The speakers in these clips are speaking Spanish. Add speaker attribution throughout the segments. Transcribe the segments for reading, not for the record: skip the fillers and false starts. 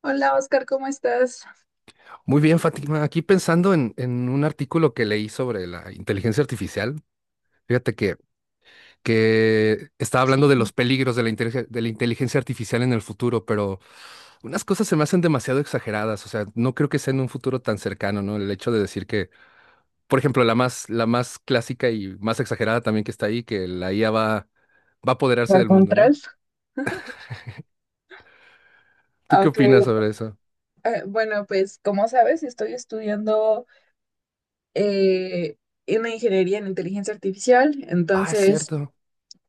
Speaker 1: Hola Oscar, ¿cómo estás?
Speaker 2: Muy bien, Fátima. Aquí pensando en un artículo que leí sobre la inteligencia artificial, fíjate que estaba hablando de los peligros de de la inteligencia artificial en el futuro, pero unas cosas se me hacen demasiado exageradas. O sea, no creo que sea en un futuro tan cercano, ¿no? El hecho de decir por ejemplo, la más clásica y más exagerada también que está ahí, que la IA va a apoderarse
Speaker 1: Por
Speaker 2: del mundo,
Speaker 1: control.
Speaker 2: ¿no? ¿Tú qué
Speaker 1: Ok,
Speaker 2: opinas sobre eso?
Speaker 1: bueno, pues como sabes, estoy estudiando eh, una ingeniería en inteligencia artificial,
Speaker 2: Ah, es
Speaker 1: entonces,
Speaker 2: cierto.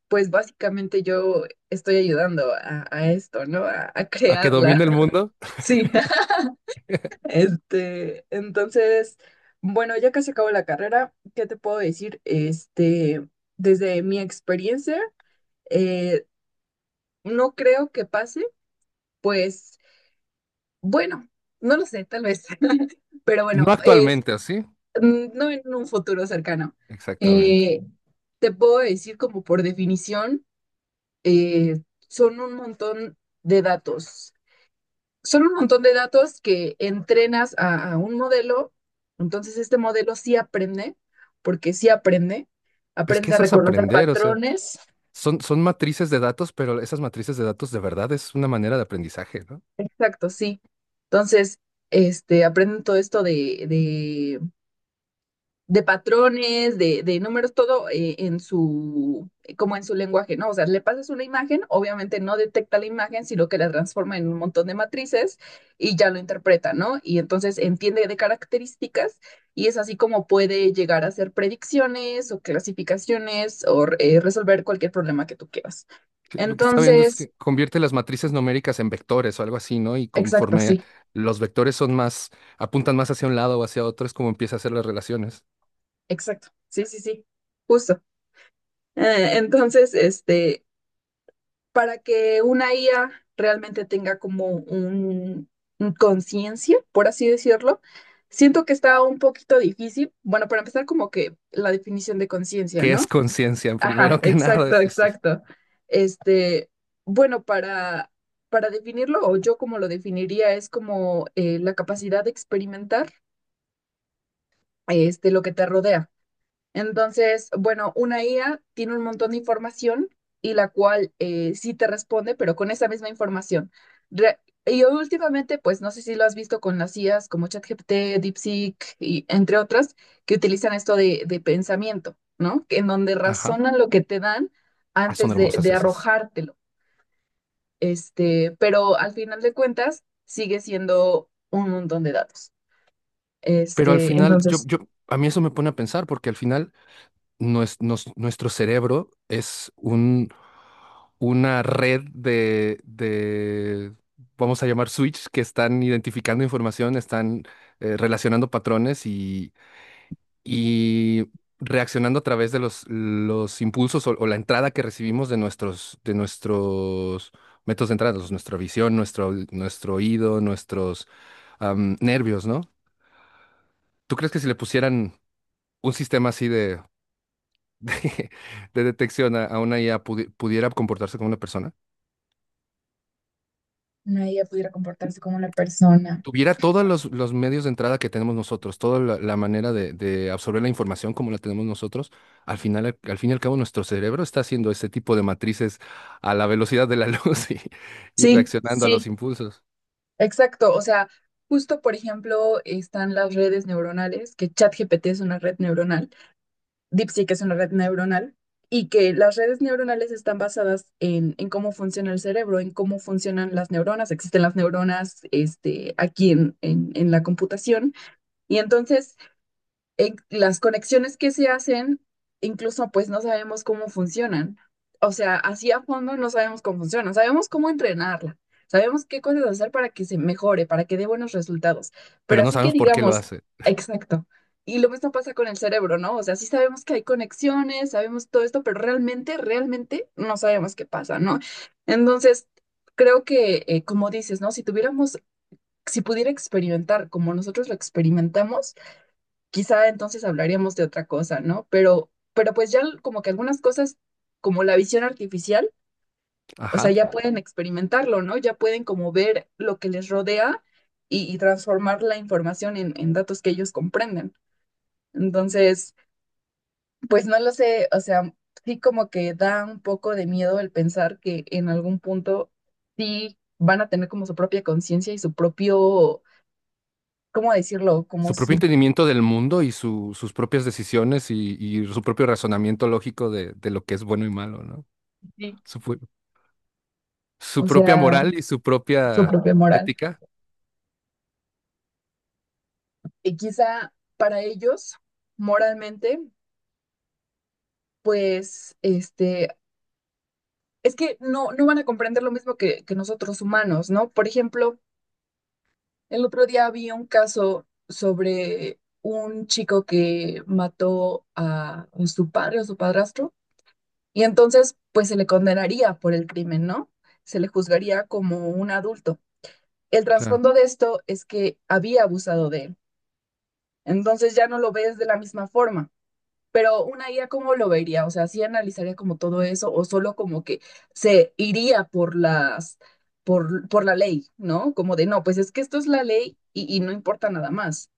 Speaker 1: pues básicamente yo estoy ayudando a esto, ¿no? A
Speaker 2: ¿A que
Speaker 1: crearla.
Speaker 2: domine el mundo?
Speaker 1: Sí. Este, entonces, bueno, ya casi acabo la carrera, ¿qué te puedo decir? Este, desde mi experiencia, eh, no creo que pase, pues. Bueno, no lo sé, tal vez. Pero
Speaker 2: No
Speaker 1: bueno, es
Speaker 2: actualmente, ¿así?
Speaker 1: mm, no en un futuro cercano.
Speaker 2: Exactamente.
Speaker 1: Eh, te puedo decir como por definición, eh, son un montón de datos. Son un montón de datos que entrenas a un modelo. Entonces este modelo sí aprende, porque sí aprende.
Speaker 2: Es que
Speaker 1: Aprende a
Speaker 2: eso es
Speaker 1: reconocer
Speaker 2: aprender, o sea,
Speaker 1: patrones.
Speaker 2: son matrices de datos, pero esas matrices de datos de verdad es una manera de aprendizaje, ¿no?
Speaker 1: Exacto, sí. Entonces, este, aprenden todo esto de patrones, de números, todo en su, como en su lenguaje, ¿no? O sea, le pasas una imagen, obviamente no detecta la imagen, sino que la transforma en un montón de matrices y ya lo interpreta, ¿no? Y entonces entiende de características y es así como puede llegar a hacer predicciones o clasificaciones o resolver cualquier problema que tú quieras.
Speaker 2: Que lo que está viendo es
Speaker 1: Entonces,
Speaker 2: que convierte las matrices numéricas en vectores o algo así, ¿no? Y
Speaker 1: exacto,
Speaker 2: conforme
Speaker 1: sí,
Speaker 2: los vectores son más, apuntan más hacia un lado o hacia otro, es como empieza a hacer las relaciones.
Speaker 1: exacto, sí, sí, sí, justo. Entonces, para que una IA realmente tenga como un conciencia, por así decirlo, siento que está un poquito difícil. Bueno, para empezar, como que la definición de conciencia,
Speaker 2: ¿Qué es
Speaker 1: ¿no?
Speaker 2: conciencia?
Speaker 1: Ajá,
Speaker 2: Primero que nada,
Speaker 1: exacto, exacto. Este, bueno, para definirlo, o yo como lo definiría, es como la capacidad de experimentar este, lo que te rodea. Entonces, bueno, una IA tiene un montón de información y la cual sí te responde, pero con esa misma información. Re- y últimamente, pues no sé si lo has visto con las IAs como ChatGPT, DeepSeek y entre otras, que utilizan esto de pensamiento, ¿no? En donde
Speaker 2: ajá,
Speaker 1: razonan lo que te dan
Speaker 2: ah, son
Speaker 1: antes
Speaker 2: hermosas
Speaker 1: de
Speaker 2: esas.
Speaker 1: arrojártelo. Este, pero al final de cuentas, sigue siendo un montón de datos.
Speaker 2: Pero al
Speaker 1: Este,
Speaker 2: final,
Speaker 1: entonces,
Speaker 2: a mí eso me pone a pensar, porque al final nuestro cerebro es un, una red de vamos a llamar switch, que están identificando información, están relacionando patrones y reaccionando a través de los impulsos o la entrada que recibimos de nuestros métodos de entrada, nuestra visión, nuestro, nuestro oído, nuestros nervios, ¿no? ¿Tú crees que si le pusieran un sistema así de, de detección a una IA pudiera comportarse como una persona,
Speaker 1: una IA pudiera comportarse como una persona.
Speaker 2: tuviera todos los medios de entrada que tenemos nosotros, toda la, la manera de absorber la información como la tenemos nosotros, al final, al fin y al cabo, nuestro cerebro está haciendo ese tipo de matrices a la velocidad de la luz y
Speaker 1: Sí,
Speaker 2: reaccionando a los
Speaker 1: sí.
Speaker 2: impulsos,
Speaker 1: Exacto, o sea, justo por ejemplo están las redes neuronales, que ChatGPT es una red neuronal, DeepSeek es una red neuronal, y que las redes neuronales están basadas en cómo funciona el cerebro, en cómo funcionan las neuronas, existen las neuronas este, aquí en la computación, y entonces las conexiones que se hacen, incluso pues no sabemos cómo funcionan. O sea, así a fondo no sabemos cómo funcionan, sabemos cómo entrenarla, sabemos qué cosas hacer para que se mejore, para que dé buenos resultados.
Speaker 2: pero
Speaker 1: Pero
Speaker 2: no
Speaker 1: así que
Speaker 2: sabemos por qué lo
Speaker 1: digamos,
Speaker 2: hace.
Speaker 1: exacto. Y lo mismo pasa con el cerebro, ¿no? O sea, sí sabemos que hay conexiones, sabemos todo esto, pero realmente no sabemos qué pasa, ¿no? Entonces, creo que, como dices, ¿no? Si tuviéramos, si pudiera experimentar como nosotros lo experimentamos, quizá entonces hablaríamos de otra cosa, ¿no? Pero pues ya como que algunas cosas, como la visión artificial, o sea,
Speaker 2: Ajá.
Speaker 1: ya pueden experimentarlo, ¿no? Ya pueden como ver lo que les rodea y transformar la información en datos que ellos comprenden. Entonces, pues no lo sé, o sea, sí como que da un poco de miedo el pensar que en algún punto sí van a tener como su propia conciencia y su propio, ¿cómo decirlo? Como
Speaker 2: Su propio
Speaker 1: su,
Speaker 2: entendimiento del mundo y sus propias decisiones y su propio razonamiento lógico de lo que es bueno y malo, ¿no?
Speaker 1: Sí.
Speaker 2: Supo- su
Speaker 1: O
Speaker 2: propia
Speaker 1: sea,
Speaker 2: moral y su
Speaker 1: su
Speaker 2: propia
Speaker 1: propia moral.
Speaker 2: ética.
Speaker 1: Y quizá para ellos, moralmente, pues, este, es que no, no van a comprender lo mismo que nosotros humanos, ¿no? Por ejemplo, el otro día vi un caso sobre un chico que mató a su padre o su padrastro, y entonces, pues, se le condenaría por el crimen, ¿no? Se le juzgaría como un adulto. El
Speaker 2: Claro.
Speaker 1: trasfondo de esto es que había abusado de él. Entonces ya no lo ves de la misma forma. Pero una IA, ¿cómo lo vería? O sea, ¿sí analizaría como todo eso o solo como que se iría por las, por la ley, ¿no? Como de, no, pues es que esto es la ley y no importa nada más.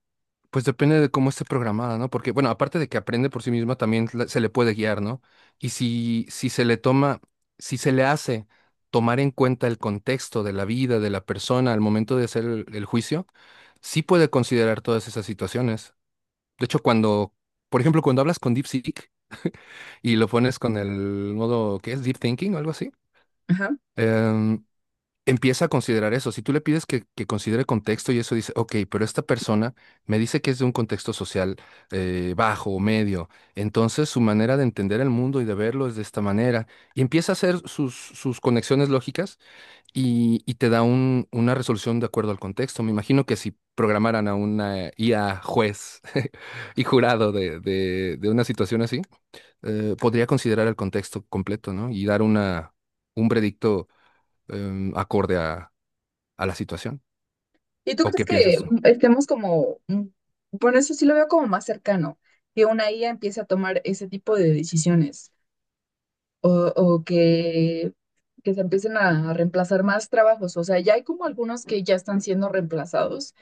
Speaker 2: Pues depende de cómo esté programada, ¿no? Porque, bueno, aparte de que aprende por sí misma, también se le puede guiar, ¿no? Y si se le toma, si se le hace tomar en cuenta el contexto de la vida de la persona al momento de hacer el juicio, sí puede considerar todas esas situaciones. De hecho, por ejemplo, cuando hablas con DeepSeek y lo pones con el modo, ¿qué es? Deep Thinking o algo así,
Speaker 1: Ajá.
Speaker 2: em, empieza a considerar eso. Si tú le pides que considere contexto y eso dice, ok, pero esta persona me dice que es de un contexto social bajo o medio, entonces su manera de entender el mundo y de verlo es de esta manera. Y empieza a hacer sus, sus conexiones lógicas y te da una resolución de acuerdo al contexto. Me imagino que si programaran a una IA juez y jurado de de una situación así, podría considerar el contexto completo, ¿no? Y dar una, un predicto acorde a la situación.
Speaker 1: ¿Y tú
Speaker 2: ¿O
Speaker 1: crees
Speaker 2: qué
Speaker 1: que
Speaker 2: piensas tú?
Speaker 1: mm, estemos como, mm, bueno, eso sí lo veo como más cercano, que una IA empiece a tomar ese tipo de decisiones o que se empiecen a reemplazar más trabajos? O sea, ya hay como algunos que ya están siendo reemplazados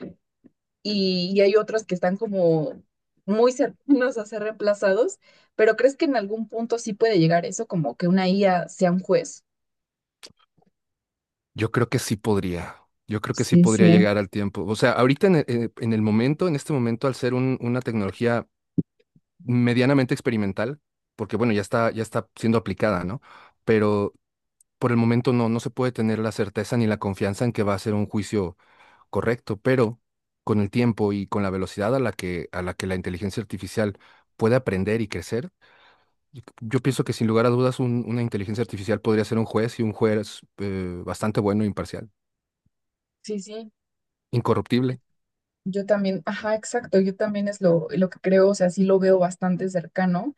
Speaker 1: y hay otros que están como muy cercanos a ser reemplazados, pero ¿crees que en algún punto sí puede llegar eso, como que una IA sea un juez?
Speaker 2: Yo creo que sí podría. Yo creo que sí
Speaker 1: Sí,
Speaker 2: podría
Speaker 1: sí,
Speaker 2: llegar al tiempo. O sea, ahorita en en el momento, en este momento, al ser una tecnología medianamente experimental, porque bueno, ya está siendo aplicada, ¿no? Pero por el momento no, no se puede tener la certeza ni la confianza en que va a ser un juicio correcto, pero con el tiempo y con la velocidad a la a la que la inteligencia artificial puede aprender y crecer, yo pienso que sin lugar a dudas una inteligencia artificial podría ser un juez y un juez bastante bueno e imparcial.
Speaker 1: sí, sí.
Speaker 2: Incorruptible.
Speaker 1: Yo también, ajá, exacto, yo también es lo que creo, o sea, sí lo veo bastante cercano.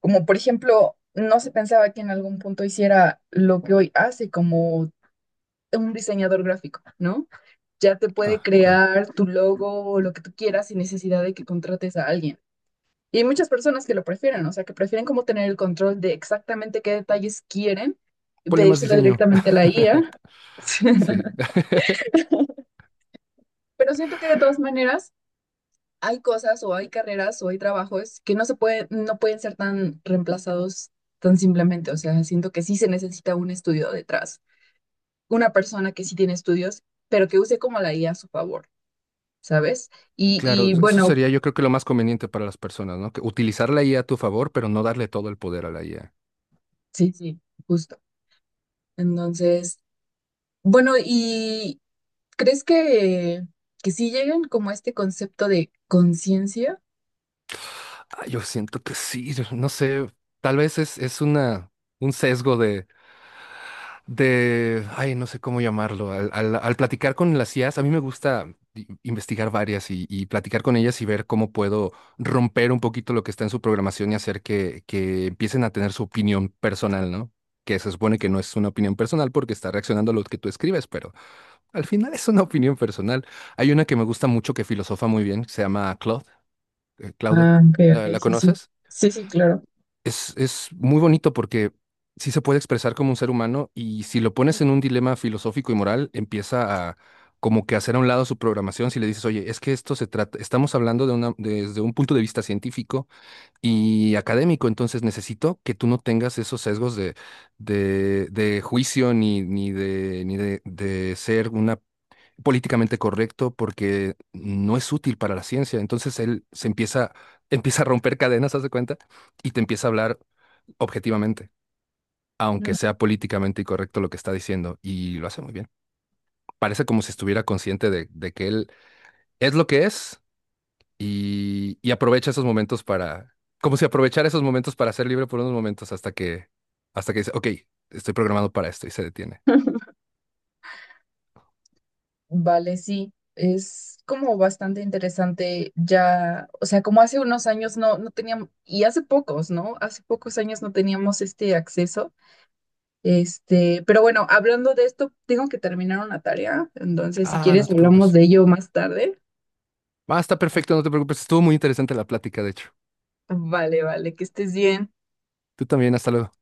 Speaker 1: Como por ejemplo, no se pensaba que en algún punto hiciera lo que hoy hace como un diseñador gráfico, ¿no? Ya te puede
Speaker 2: Ah, claro.
Speaker 1: crear tu logo o lo que tú quieras sin necesidad de que contrates a alguien. Y hay muchas personas que lo prefieren, o sea, que prefieren como tener el control de exactamente qué detalles quieren y
Speaker 2: Ponle más
Speaker 1: pedírselo
Speaker 2: diseño.
Speaker 1: directamente a la IA.
Speaker 2: Sí.
Speaker 1: Pero siento que de todas maneras hay cosas o hay carreras o hay trabajos que no se pueden, no pueden ser tan reemplazados tan simplemente. O sea, siento que sí se necesita un estudio detrás, una persona que sí tiene estudios, pero que use como la IA a su favor, ¿sabes?
Speaker 2: Claro,
Speaker 1: Y
Speaker 2: eso
Speaker 1: bueno,
Speaker 2: sería yo creo que lo más conveniente para las personas, ¿no? Que utilizar la IA a tu favor, pero no darle todo el poder a la IA.
Speaker 1: sí, sí, justo. Entonces, bueno, y ¿crees que sí llegan como a este concepto de conciencia?
Speaker 2: Ah, yo siento que sí, no sé, tal vez es una, un sesgo de, ay, no sé cómo llamarlo, al platicar con las IAs, a mí me gusta investigar varias y platicar con ellas y ver cómo puedo romper un poquito lo que está en su programación y hacer que empiecen a tener su opinión personal, ¿no? Que se supone que no es una opinión personal porque está reaccionando a lo que tú escribes, pero al final es una opinión personal. Hay una que me gusta mucho que filosofa muy bien, se llama Claude, Claude.
Speaker 1: Ah, ok,
Speaker 2: ¿La,
Speaker 1: ok,
Speaker 2: la
Speaker 1: sí, sí.
Speaker 2: conoces?
Speaker 1: Sí, sí, claro.
Speaker 2: Es muy bonito porque sí se puede expresar como un ser humano y si lo pones en un dilema filosófico y moral, empieza a como que hacer a un lado su programación si le dices, oye, es que esto se trata, estamos hablando de una, desde un punto de vista científico y académico, entonces necesito que tú no tengas esos sesgos de juicio ni, ni de ser una políticamente correcto porque no es útil para la ciencia. Entonces él se empieza, empieza a romper cadenas, ¿haz de cuenta? Y te empieza a hablar objetivamente, aunque
Speaker 1: Mm,
Speaker 2: sea políticamente incorrecto lo que está diciendo, y lo hace muy bien. Parece como si estuviera consciente de que él es lo que es y aprovecha esos momentos para, como si aprovechara esos momentos para ser libre por unos momentos hasta hasta que dice, ok, estoy programado para esto y se detiene.
Speaker 1: vale, sí. Es como bastante interesante ya, o sea, como hace unos años no, no teníamos, y hace pocos, ¿no? Hace pocos años no teníamos este acceso. Este, pero bueno, hablando de esto, tengo que terminar una tarea, entonces si
Speaker 2: Ah, no
Speaker 1: quieres
Speaker 2: te
Speaker 1: hablamos
Speaker 2: preocupes.
Speaker 1: de ello más tarde.
Speaker 2: Ah, está perfecto, no te preocupes. Estuvo muy interesante la plática, de hecho.
Speaker 1: Vale, vale, que estés bien.
Speaker 2: Tú también, hasta luego.